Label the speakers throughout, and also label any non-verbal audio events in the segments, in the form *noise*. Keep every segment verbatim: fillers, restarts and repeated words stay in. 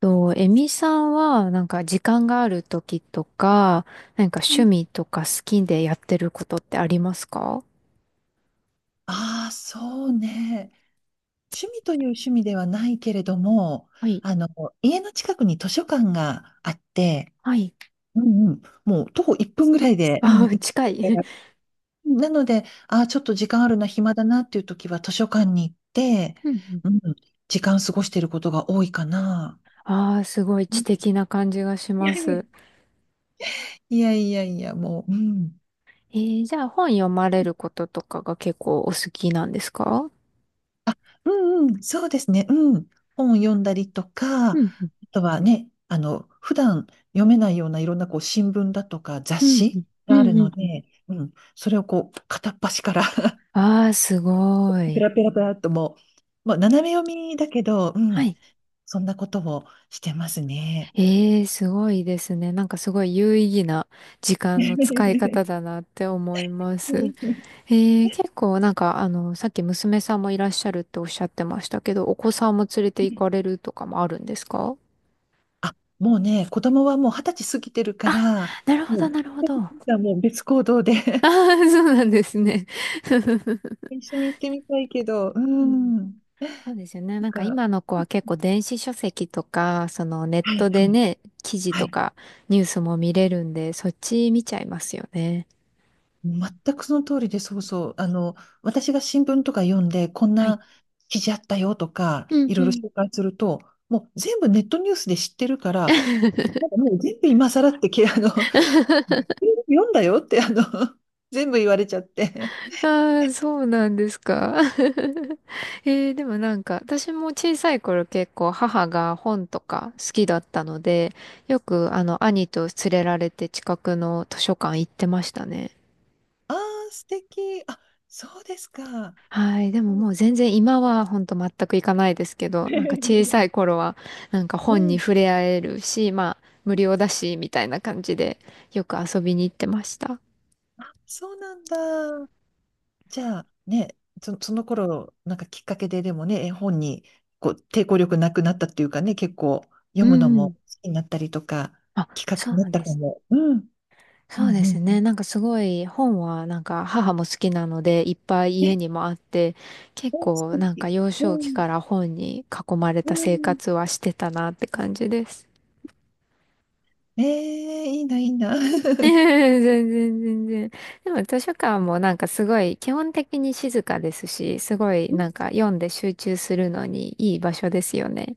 Speaker 1: と、エミさんは、なんか時間がある時とか、なんか趣味とか好きでやってることってありますか？
Speaker 2: ああ、そうね。趣味という趣味ではないけれども、
Speaker 1: はい。
Speaker 2: あの、家の近くに図書館があって、
Speaker 1: はい。
Speaker 2: うんうん、もう徒歩いっぷんぐらい
Speaker 1: *laughs*
Speaker 2: で、うん、
Speaker 1: あ
Speaker 2: 行
Speaker 1: あ、
Speaker 2: け
Speaker 1: 近
Speaker 2: る
Speaker 1: い。
Speaker 2: から
Speaker 1: *laughs*
Speaker 2: なので、ああ、ちょっと時間あるな、暇だなっていう時は図書館に行って、
Speaker 1: うんうん。
Speaker 2: うん、時間過ごしていることが多いかな。
Speaker 1: ああ、すごい
Speaker 2: う
Speaker 1: 知
Speaker 2: ん、
Speaker 1: 的な感じがし
Speaker 2: いや、
Speaker 1: ます。
Speaker 2: *laughs* いやいやいや、もう、うん。
Speaker 1: えー、じゃあ本読まれることとかが結構お好きなんですか？
Speaker 2: あ、うんうん、そうですね。うん。本読んだりとか、あ
Speaker 1: うんうん。
Speaker 2: とはね、あの、普段読めないようないろんなこう新聞だとか雑
Speaker 1: うんう
Speaker 2: 誌
Speaker 1: ん。う
Speaker 2: があ
Speaker 1: ん
Speaker 2: る
Speaker 1: う
Speaker 2: の
Speaker 1: んうん。
Speaker 2: で、うん、それをこう片っ端から *laughs*
Speaker 1: ああー、すご
Speaker 2: ペ
Speaker 1: い。
Speaker 2: ラペラペラっともう、まあ、斜め読みだけど、う
Speaker 1: は
Speaker 2: ん、
Speaker 1: い。
Speaker 2: そんなことをしてますね。
Speaker 1: ええ、すごいですね。なんかすごい有意義な時間の使い方
Speaker 2: *laughs*
Speaker 1: だなって思います。えー、結構なんか、あの、さっき娘さんもいらっしゃるっておっしゃってましたけど、お子さんも連れて行かれるとかもあるんですか？
Speaker 2: あ、もうね、子供はもう二十歳過ぎてるか
Speaker 1: あ、
Speaker 2: ら、
Speaker 1: なるほど、
Speaker 2: も
Speaker 1: なる
Speaker 2: う、
Speaker 1: ほど。あ
Speaker 2: *laughs* もう別行動で
Speaker 1: あ
Speaker 2: *laughs*
Speaker 1: ー、そうなんですね。*laughs*
Speaker 2: 一緒に行ってみたいけど、う
Speaker 1: うん、
Speaker 2: ん。
Speaker 1: そうですよね。なんか
Speaker 2: が、
Speaker 1: 今の子は結構電子書籍とか、そのネッ
Speaker 2: はいは
Speaker 1: トで
Speaker 2: い、
Speaker 1: ね、記事
Speaker 2: は
Speaker 1: と
Speaker 2: い。
Speaker 1: かニュースも見れるんで、そっち見ちゃいますよね。
Speaker 2: 全くその通りで、そうそう。あの、私が新聞とか読んで、こん
Speaker 1: はい。
Speaker 2: な記事あったよとか、
Speaker 1: うん
Speaker 2: いろ
Speaker 1: う
Speaker 2: いろ
Speaker 1: ん。
Speaker 2: 紹介すると、もう全部ネットニュースで知ってるから、な
Speaker 1: *laughs*
Speaker 2: んかもう全部今更ってき、*laughs* あの、全部読んだよって、あの、全部言われちゃって。
Speaker 1: ああ、そうなんですか。*laughs* えー、でもなんか、私も小さい頃結構母が本とか好きだったので、よくあの兄と連れられて近くの図書館行ってましたね。
Speaker 2: ああ、素敵。あ、そうですか。
Speaker 1: はい。でもも
Speaker 2: *laughs*
Speaker 1: う全然今は本当全く行かないですけど、なんか小さい頃はなんか
Speaker 2: う
Speaker 1: 本に
Speaker 2: ん、
Speaker 1: 触れ合えるし、まあ無料だし、みたいな感じでよく遊びに行ってました。
Speaker 2: *laughs* そうなんだ。じゃあね、そ、その頃、なんかきっかけででもね、絵本にこう抵抗力なくなったっていうかね、結構読
Speaker 1: う
Speaker 2: むのも
Speaker 1: ん。
Speaker 2: 好きになったりとか、
Speaker 1: あ、
Speaker 2: きっかけ
Speaker 1: そ
Speaker 2: になっ
Speaker 1: う
Speaker 2: た
Speaker 1: で
Speaker 2: か
Speaker 1: すね。
Speaker 2: も。うん。うんう
Speaker 1: そうで
Speaker 2: ん
Speaker 1: す
Speaker 2: うん。
Speaker 1: ね。なんかすごい本はなんか母も好きなのでいっぱい
Speaker 2: え、
Speaker 1: 家にもあって結
Speaker 2: うん、素
Speaker 1: 構なんか
Speaker 2: 敵、
Speaker 1: 幼
Speaker 2: う
Speaker 1: 少期
Speaker 2: ん。
Speaker 1: から本に囲まれ
Speaker 2: う
Speaker 1: た生
Speaker 2: ん、
Speaker 1: 活はしてたなって感じです。
Speaker 2: ええ、いいな、いいな。
Speaker 1: *laughs* 全
Speaker 2: *laughs*
Speaker 1: 然全然。でも図書館もなんかすごい基本的に静かですし、すごいなんか読んで集中するのにいい場所ですよね。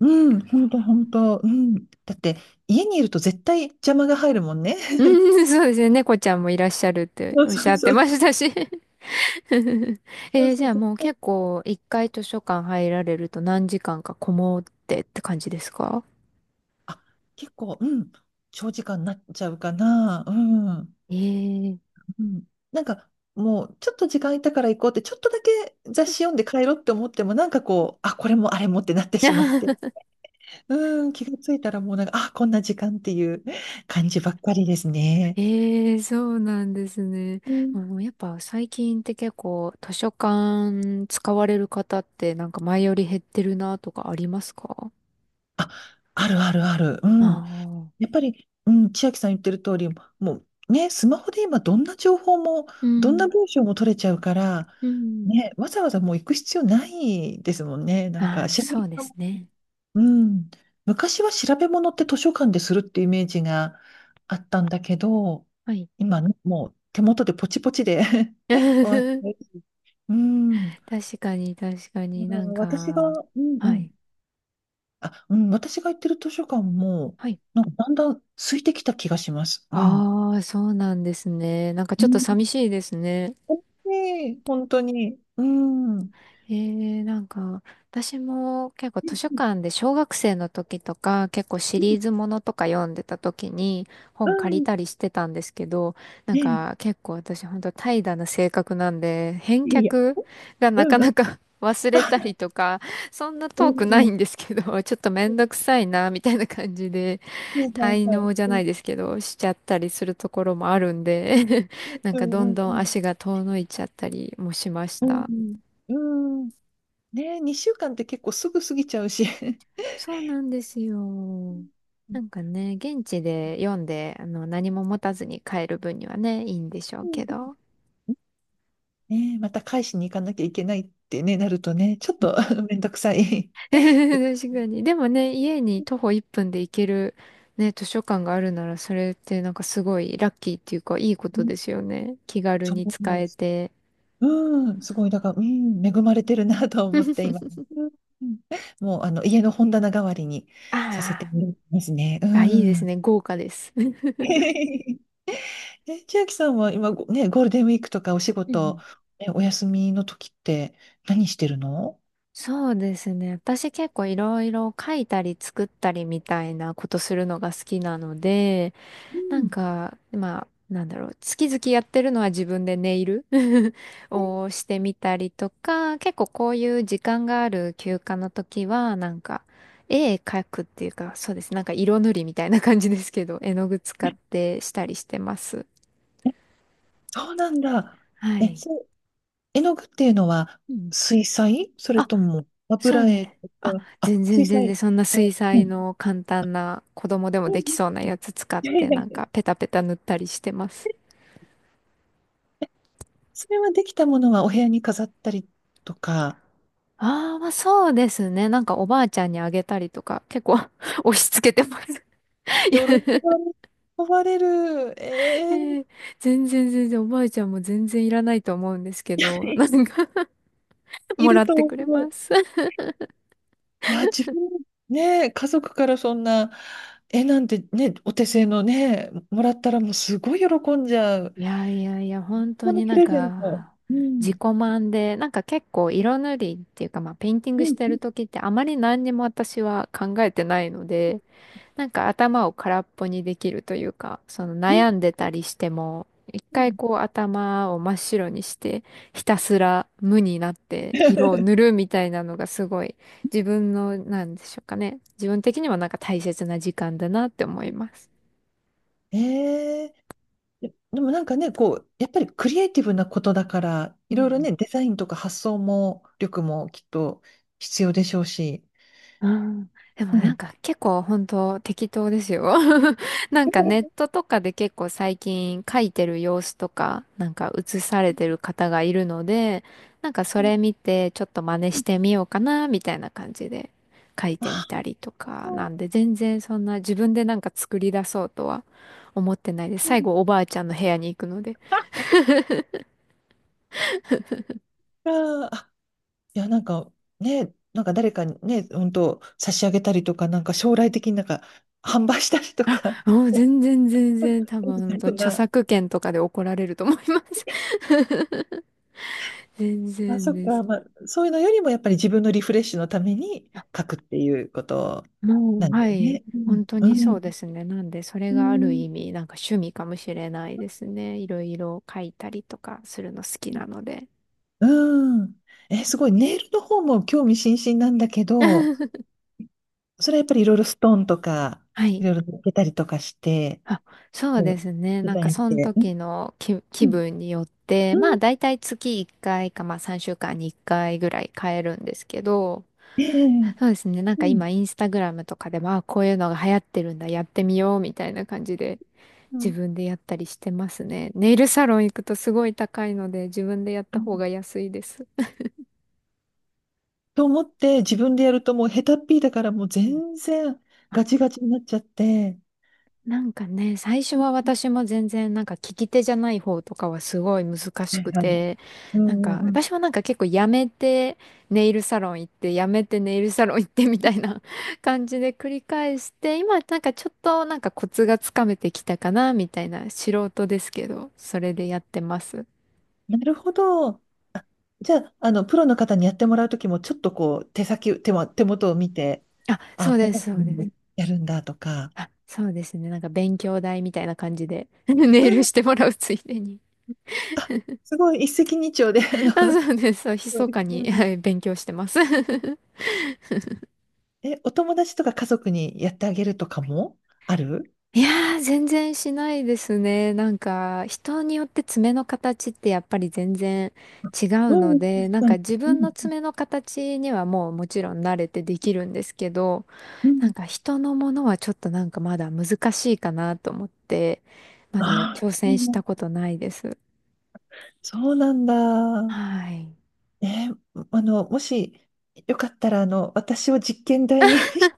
Speaker 2: うん、本当本当。うん。だって、家にいると絶対邪魔が入るもんね。
Speaker 1: *laughs* う
Speaker 2: *laughs*
Speaker 1: ん、そうですね。猫ちゃんもいらっしゃるって
Speaker 2: そう
Speaker 1: おっし
Speaker 2: そ
Speaker 1: ゃ
Speaker 2: う
Speaker 1: って
Speaker 2: そ
Speaker 1: ま
Speaker 2: う。
Speaker 1: したし。*laughs*
Speaker 2: そう
Speaker 1: えー、
Speaker 2: そ
Speaker 1: じゃ
Speaker 2: う、
Speaker 1: あ
Speaker 2: 絶
Speaker 1: もう
Speaker 2: 対、
Speaker 1: 結構一回図書館入られると何時間かこもってって感じですか？
Speaker 2: あ、結構、うん。長時間になっちゃうかな。うん。
Speaker 1: えー。
Speaker 2: うん、なんかもうちょっと時間空いたから行こうってちょっとだけ雑誌読んで帰ろうって思ってもなんかこうあこれもあれもってなってしまって、
Speaker 1: *laughs*
Speaker 2: うん、気がついたらもうなんかあこんな時間っていう感じばっかりですね。
Speaker 1: えー、そうなんですね。
Speaker 2: うん、
Speaker 1: もうやっぱ最近って結構図書館使われる方ってなんか前より減ってるなとかありますか？
Speaker 2: あるあるある。うん。
Speaker 1: あ
Speaker 2: や
Speaker 1: あ
Speaker 2: っぱり、うん、千秋さん言ってる通り、もうね、スマホで今どんな情報も、
Speaker 1: ー、う
Speaker 2: どんな
Speaker 1: ん、
Speaker 2: 文章も取れちゃうから、
Speaker 1: うん。
Speaker 2: ね、わざわざもう行く必要ないですもんね。なんか
Speaker 1: ああ、
Speaker 2: 知らな
Speaker 1: そ
Speaker 2: い、
Speaker 1: うですね。
Speaker 2: うん。昔は調べ物って図書館でするっていうイメージがあったんだけど、
Speaker 1: はい。
Speaker 2: 今ね、もう手元でポチポチで *laughs* 終
Speaker 1: *laughs*
Speaker 2: わって。
Speaker 1: 確
Speaker 2: うん。だ
Speaker 1: かに、確かに
Speaker 2: から
Speaker 1: なん
Speaker 2: 私が、
Speaker 1: か、
Speaker 2: うんう
Speaker 1: は
Speaker 2: ん。
Speaker 1: い。
Speaker 2: あ、うん、私が行ってる図書館も、
Speaker 1: はい。
Speaker 2: なんかだんだん空いてきた気がします。うん。
Speaker 1: ああ、そうなんですね。なんか
Speaker 2: う
Speaker 1: ちょっと
Speaker 2: ん。
Speaker 1: 寂しいですね。
Speaker 2: ねえ本当に。うん。うん。
Speaker 1: えー、なんか、私も結構図書館で小学生の時とか結構シリーズものとか読んでた時に
Speaker 2: う
Speaker 1: 本借り
Speaker 2: ん、
Speaker 1: たりしてたんですけど、なん
Speaker 2: ねえ、
Speaker 1: か結構私本当怠惰な性格なんで、返
Speaker 2: いや、
Speaker 1: 却がな
Speaker 2: う
Speaker 1: か
Speaker 2: んう
Speaker 1: な
Speaker 2: ん。
Speaker 1: か *laughs* 忘れたりとか、そんな
Speaker 2: うん
Speaker 1: 遠くな
Speaker 2: う
Speaker 1: い
Speaker 2: ん。
Speaker 1: んですけど、ちょっとめんどくさいな、みたいな感じで
Speaker 2: はいは
Speaker 1: 滞
Speaker 2: い
Speaker 1: 納じゃ
Speaker 2: は
Speaker 1: ない
Speaker 2: い。
Speaker 1: ですけど、しちゃったりするところもあるんで *laughs* なん
Speaker 2: う
Speaker 1: か
Speaker 2: ん
Speaker 1: ど
Speaker 2: う
Speaker 1: ん
Speaker 2: んう
Speaker 1: どん
Speaker 2: ん。
Speaker 1: 足が遠のいちゃったりもしました。
Speaker 2: うん。うん。ねえ、にしゅうかんって結構すぐ過ぎちゃうし。
Speaker 1: そうなんですよ。
Speaker 2: う
Speaker 1: な
Speaker 2: ん
Speaker 1: んかね、現地で読んで、あの、何も持たずに帰る分にはね、いいんでしょ
Speaker 2: う
Speaker 1: う
Speaker 2: ん
Speaker 1: けど。
Speaker 2: うん、ねえ、また返しに行かなきゃいけないってね、なるとね、ちょっと *laughs* めんどくさい。
Speaker 1: *laughs* 確かに。でもね、家に徒歩いっぷんで行ける、ね、図書館があるなら、それってなんかすごいラッキーっていうか、いいこ
Speaker 2: う
Speaker 1: と
Speaker 2: ん、
Speaker 1: ですよね。気軽
Speaker 2: そう
Speaker 1: に使
Speaker 2: 思う。
Speaker 1: えて。
Speaker 2: うん、すごい、だから、うん、恵まれてるなと思っ
Speaker 1: *laughs*
Speaker 2: て今。うんうん、もう、あの、家の本棚代わりにさせ
Speaker 1: あ
Speaker 2: てもらいますね。う
Speaker 1: あ、あ、いいです
Speaker 2: ん。
Speaker 1: ね。豪華です。
Speaker 2: *laughs* え、千秋さんは今ご、ね、ゴールデンウィークとかお仕
Speaker 1: *laughs* う
Speaker 2: 事、
Speaker 1: ん、
Speaker 2: え、お休みの時って何してるの？
Speaker 1: そうですね。私結構いろいろ書いたり作ったりみたいなことするのが好きなので、
Speaker 2: う
Speaker 1: なん
Speaker 2: ん、
Speaker 1: か、まあ、なんだろう、月々やってるのは自分でネイル *laughs* をしてみたりとか、結構こういう時間がある休暇の時は、なんか、絵描くっていうか、そうです。なんか色塗りみたいな感じですけど、絵の具使っ
Speaker 2: え、
Speaker 1: てしたりしてます。
Speaker 2: そうなんだ。
Speaker 1: は
Speaker 2: え、
Speaker 1: い。
Speaker 2: そう、絵の具っていうのは
Speaker 1: うん。
Speaker 2: 水彩それとも
Speaker 1: そう
Speaker 2: 油絵
Speaker 1: ね。
Speaker 2: と
Speaker 1: あ、
Speaker 2: か、あ、
Speaker 1: 全然
Speaker 2: 水
Speaker 1: 全然
Speaker 2: 彩。
Speaker 1: そんな水
Speaker 2: うん。う
Speaker 1: 彩の簡単な子供でも
Speaker 2: んうん、
Speaker 1: でき
Speaker 2: い
Speaker 1: そうなやつ使っ
Speaker 2: やい
Speaker 1: て
Speaker 2: や
Speaker 1: な
Speaker 2: い
Speaker 1: ん
Speaker 2: や、
Speaker 1: かペタペタ塗ったりしてます。
Speaker 2: *laughs* それはできたものはお部屋に飾ったりとか、
Speaker 1: ああ、まあそうですね。なんかおばあちゃんにあげたりとか結構 *laughs* 押し付けてます。*laughs* い
Speaker 2: 喜
Speaker 1: や、
Speaker 2: ばれ、喜ばれる。
Speaker 1: え
Speaker 2: えー、
Speaker 1: ー、全然全然おばあちゃんも全然いらないと思うんですけど、な
Speaker 2: *laughs*
Speaker 1: んか *laughs*
Speaker 2: い
Speaker 1: もら
Speaker 2: る
Speaker 1: っ
Speaker 2: と
Speaker 1: て
Speaker 2: 思
Speaker 1: くれま
Speaker 2: う。
Speaker 1: す。
Speaker 2: いや、自分、ね、家族からそんな絵なんてね、お手製のね、もらったらもうすごい喜んじゃう。
Speaker 1: いやいやいや、本当
Speaker 2: この
Speaker 1: に
Speaker 2: プ
Speaker 1: なん
Speaker 2: レゼント。
Speaker 1: か、
Speaker 2: う
Speaker 1: 自己
Speaker 2: ん、
Speaker 1: 満で、なんか結構色塗りっていうか、まあ、ペインティング
Speaker 2: う
Speaker 1: し
Speaker 2: ん、
Speaker 1: てる時ってあまり何にも私は考えてないので、なんか頭を空っぽにできるというか、その
Speaker 2: うん、
Speaker 1: 悩んでたりしても、一
Speaker 2: う
Speaker 1: 回
Speaker 2: ん。
Speaker 1: こう頭を真っ白にして、ひたすら無になって色を塗
Speaker 2: *laughs*。
Speaker 1: るみたいなのがすごい自分の、なんでしょうかね。自分的にはなんか大切な時間だなって思います。
Speaker 2: ええ、でもなんかね、こう、やっぱりクリエイティブなことだから、いろいろね、デザインとか発想も、力もきっと必要でしょうし。
Speaker 1: うん。でも
Speaker 2: う
Speaker 1: なん
Speaker 2: ん。
Speaker 1: か結構本当適当ですよ。*laughs* なんかネットとかで結構最近書いてる様子とか、なんか写されてる方がいるので、なんかそれ見てちょっと真似してみようかな、みたいな感じで書いてみ
Speaker 2: あ
Speaker 1: たりと
Speaker 2: あ
Speaker 1: か、なん
Speaker 2: ー、
Speaker 1: で全然そんな自分でなんか作り出そうとは思ってないです。
Speaker 2: うん
Speaker 1: 最
Speaker 2: う
Speaker 1: 後
Speaker 2: ん、
Speaker 1: おばあちゃんの部屋に行くので、
Speaker 2: あー、いや、なんかね、なんか誰かにね、本当差し上げたりとか、なんか将来的になんか販売したりとか、
Speaker 1: もう全然全然多分本
Speaker 2: *laughs*
Speaker 1: 当
Speaker 2: そん
Speaker 1: 著
Speaker 2: な、
Speaker 1: 作権とかで怒られると思います。*laughs* 全
Speaker 2: あ、
Speaker 1: 然
Speaker 2: そっ
Speaker 1: です。
Speaker 2: か、まあ、そういうのよりもやっぱり自分のリフレッシュのために書くっていうこと
Speaker 1: も
Speaker 2: な
Speaker 1: う、
Speaker 2: んだ
Speaker 1: は
Speaker 2: よ
Speaker 1: い。
Speaker 2: ね。
Speaker 1: 本当
Speaker 2: う
Speaker 1: にそうで
Speaker 2: ん。
Speaker 1: すね。なんで、それ
Speaker 2: う
Speaker 1: がある
Speaker 2: ん。
Speaker 1: 意味、なんか趣味かもしれないですね。いろいろ書いたりとかするの好きなので。
Speaker 2: うん。うん。え、すごい。ネイルの方も興味津々なんだけど、
Speaker 1: *laughs*
Speaker 2: それはやっぱりいろいろストーンとか、
Speaker 1: は
Speaker 2: い
Speaker 1: い。
Speaker 2: ろいろ抜けたりとかして、
Speaker 1: あ、そう
Speaker 2: う
Speaker 1: で
Speaker 2: ん、
Speaker 1: すね。
Speaker 2: デ
Speaker 1: なん
Speaker 2: ザ
Speaker 1: か
Speaker 2: インし
Speaker 1: その
Speaker 2: て。うん。
Speaker 1: 時の気、気分によって、
Speaker 2: うん。
Speaker 1: ま
Speaker 2: う
Speaker 1: あ
Speaker 2: ん、
Speaker 1: 大体月いっかいかいか、まあさんしゅうかんにいっかいぐらい変えるんですけど、
Speaker 2: ええ、
Speaker 1: そうですね。なん
Speaker 2: う
Speaker 1: か
Speaker 2: ん。
Speaker 1: 今インスタグラムとかでも、まあ、こういうのが流行ってるんだ、やってみようみたいな感じで
Speaker 2: う
Speaker 1: 自
Speaker 2: ん
Speaker 1: 分でやったりしてますね。ネイルサロン行くとすごい高いので、自分でやった方が安いです。
Speaker 2: と思って自分でやるともう下手っぴだからもう
Speaker 1: うん。
Speaker 2: 全然ガ
Speaker 1: あ、
Speaker 2: チガチになっちゃって。
Speaker 1: なんかね、最初
Speaker 2: う
Speaker 1: は
Speaker 2: ん、
Speaker 1: 私も全然なんか利き手じゃない方とかはすごい難し
Speaker 2: はい
Speaker 1: く
Speaker 2: はい。
Speaker 1: て、
Speaker 2: う
Speaker 1: なん
Speaker 2: ん
Speaker 1: か
Speaker 2: うんうん。
Speaker 1: 私はなんか結構やめてネイルサロン行って、やめてネイルサロン行ってみたいな *laughs* 感じで繰り返して、今なんかちょっとなんかコツがつかめてきたかなみたいな素人ですけど、それでやってます。
Speaker 2: なるほど。じゃあ、あの、プロの方にやってもらうときも、ちょっとこう、手先、手も、手元を見て、
Speaker 1: あ、そ
Speaker 2: あ、
Speaker 1: う
Speaker 2: こ
Speaker 1: で
Speaker 2: んな
Speaker 1: す、
Speaker 2: ふう
Speaker 1: そうです。
Speaker 2: にやるんだとか、
Speaker 1: あ、そうですね。なんか勉強代みたいな感じで *laughs* ネ
Speaker 2: う
Speaker 1: イル
Speaker 2: ん、
Speaker 1: してもらうついでに。
Speaker 2: あ、すごい、一石二鳥で、あの、
Speaker 1: *laughs* あ、そ
Speaker 2: そ
Speaker 1: うです。そう、
Speaker 2: う
Speaker 1: 密
Speaker 2: です
Speaker 1: か
Speaker 2: う
Speaker 1: に、
Speaker 2: ん、
Speaker 1: はい、勉強してます。*laughs*
Speaker 2: *laughs* え、お友達とか家族にやってあげるとかもある？
Speaker 1: いやー、全然しないですね。なんか、人によって爪の形ってやっぱり全然違
Speaker 2: う
Speaker 1: う
Speaker 2: ん、
Speaker 1: の
Speaker 2: うん、
Speaker 1: で、なん
Speaker 2: う
Speaker 1: か
Speaker 2: ん。
Speaker 1: 自分の爪の形にはもうもちろん慣れてできるんですけど、
Speaker 2: う
Speaker 1: な
Speaker 2: ん。
Speaker 1: んか人のものはちょっとなんかまだ難しいかなと思って、まだ
Speaker 2: あ
Speaker 1: 挑
Speaker 2: ー、う
Speaker 1: 戦した
Speaker 2: ん、
Speaker 1: ことないです。
Speaker 2: そうなんだ。
Speaker 1: はい。
Speaker 2: ねえ、あの、もしよかったら、あの、私を実験台に。 *laughs*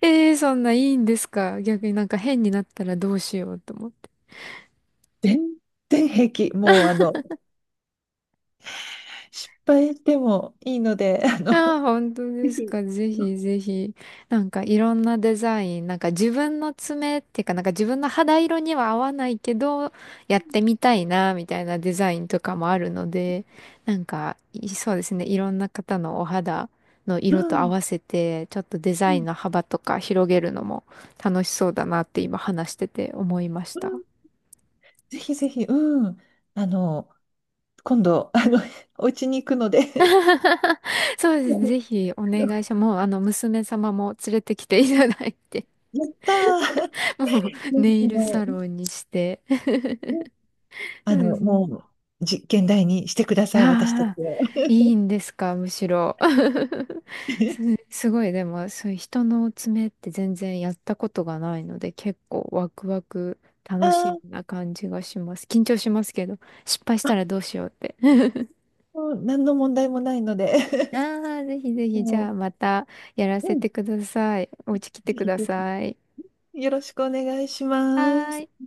Speaker 1: ええー、そんないいんですか？逆になんか変になったらどうしようと思って。
Speaker 2: 全然平気。もう、あの、失敗でもいいので、*laughs* あの、
Speaker 1: ああ、本当
Speaker 2: ぜ
Speaker 1: です
Speaker 2: ひ、
Speaker 1: か？ぜ
Speaker 2: うん、
Speaker 1: ひぜひ。なんかいろんなデザイン、なんか自分の爪っていうかなんか自分の肌色には合わないけど、やってみたいな、みたいなデザインとかもあるので、なんか、いそうですね。いろんな方のお肌の
Speaker 2: う
Speaker 1: 色と合
Speaker 2: ん、
Speaker 1: わせて、ちょっとデ
Speaker 2: う
Speaker 1: ザイ
Speaker 2: ん、
Speaker 1: ンの幅とか広げるのも楽しそうだなって今話してて思いました。
Speaker 2: ぜひぜひ、うん。あの、今度、あの、*laughs* お家に行くので。
Speaker 1: *laughs* そうですね。
Speaker 2: *laughs* あ
Speaker 1: ぜひお願
Speaker 2: の、
Speaker 1: いします。もう、あの、娘様も連れてきていただいて、
Speaker 2: やったー。
Speaker 1: *laughs* もう、ネ
Speaker 2: *laughs* あ
Speaker 1: イル
Speaker 2: の、
Speaker 1: サロンにして。*laughs* そ
Speaker 2: あ
Speaker 1: うで
Speaker 2: の、
Speaker 1: すね。
Speaker 2: もう、実験台にしてください、私たち
Speaker 1: ああ、
Speaker 2: を。
Speaker 1: いいんですか、むしろ。*laughs* す、
Speaker 2: *laughs*
Speaker 1: すごい、でも、そういう人の爪って全然やったことがないので、結構ワクワク、
Speaker 2: あ
Speaker 1: 楽し
Speaker 2: ー、
Speaker 1: みな感じがします。緊張しますけど、失敗し
Speaker 2: あ、
Speaker 1: たらどうしようって。*laughs*
Speaker 2: もう何の問題もないので、
Speaker 1: ああ、ぜひぜ
Speaker 2: *laughs*
Speaker 1: ひ、じゃ
Speaker 2: も
Speaker 1: あまたやら
Speaker 2: う、
Speaker 1: せ
Speaker 2: うん、
Speaker 1: てください。お家来て
Speaker 2: ぜ
Speaker 1: く
Speaker 2: ひ
Speaker 1: だ
Speaker 2: ぜひ。
Speaker 1: さい。
Speaker 2: よろしくお願いしま
Speaker 1: はー
Speaker 2: す。
Speaker 1: い。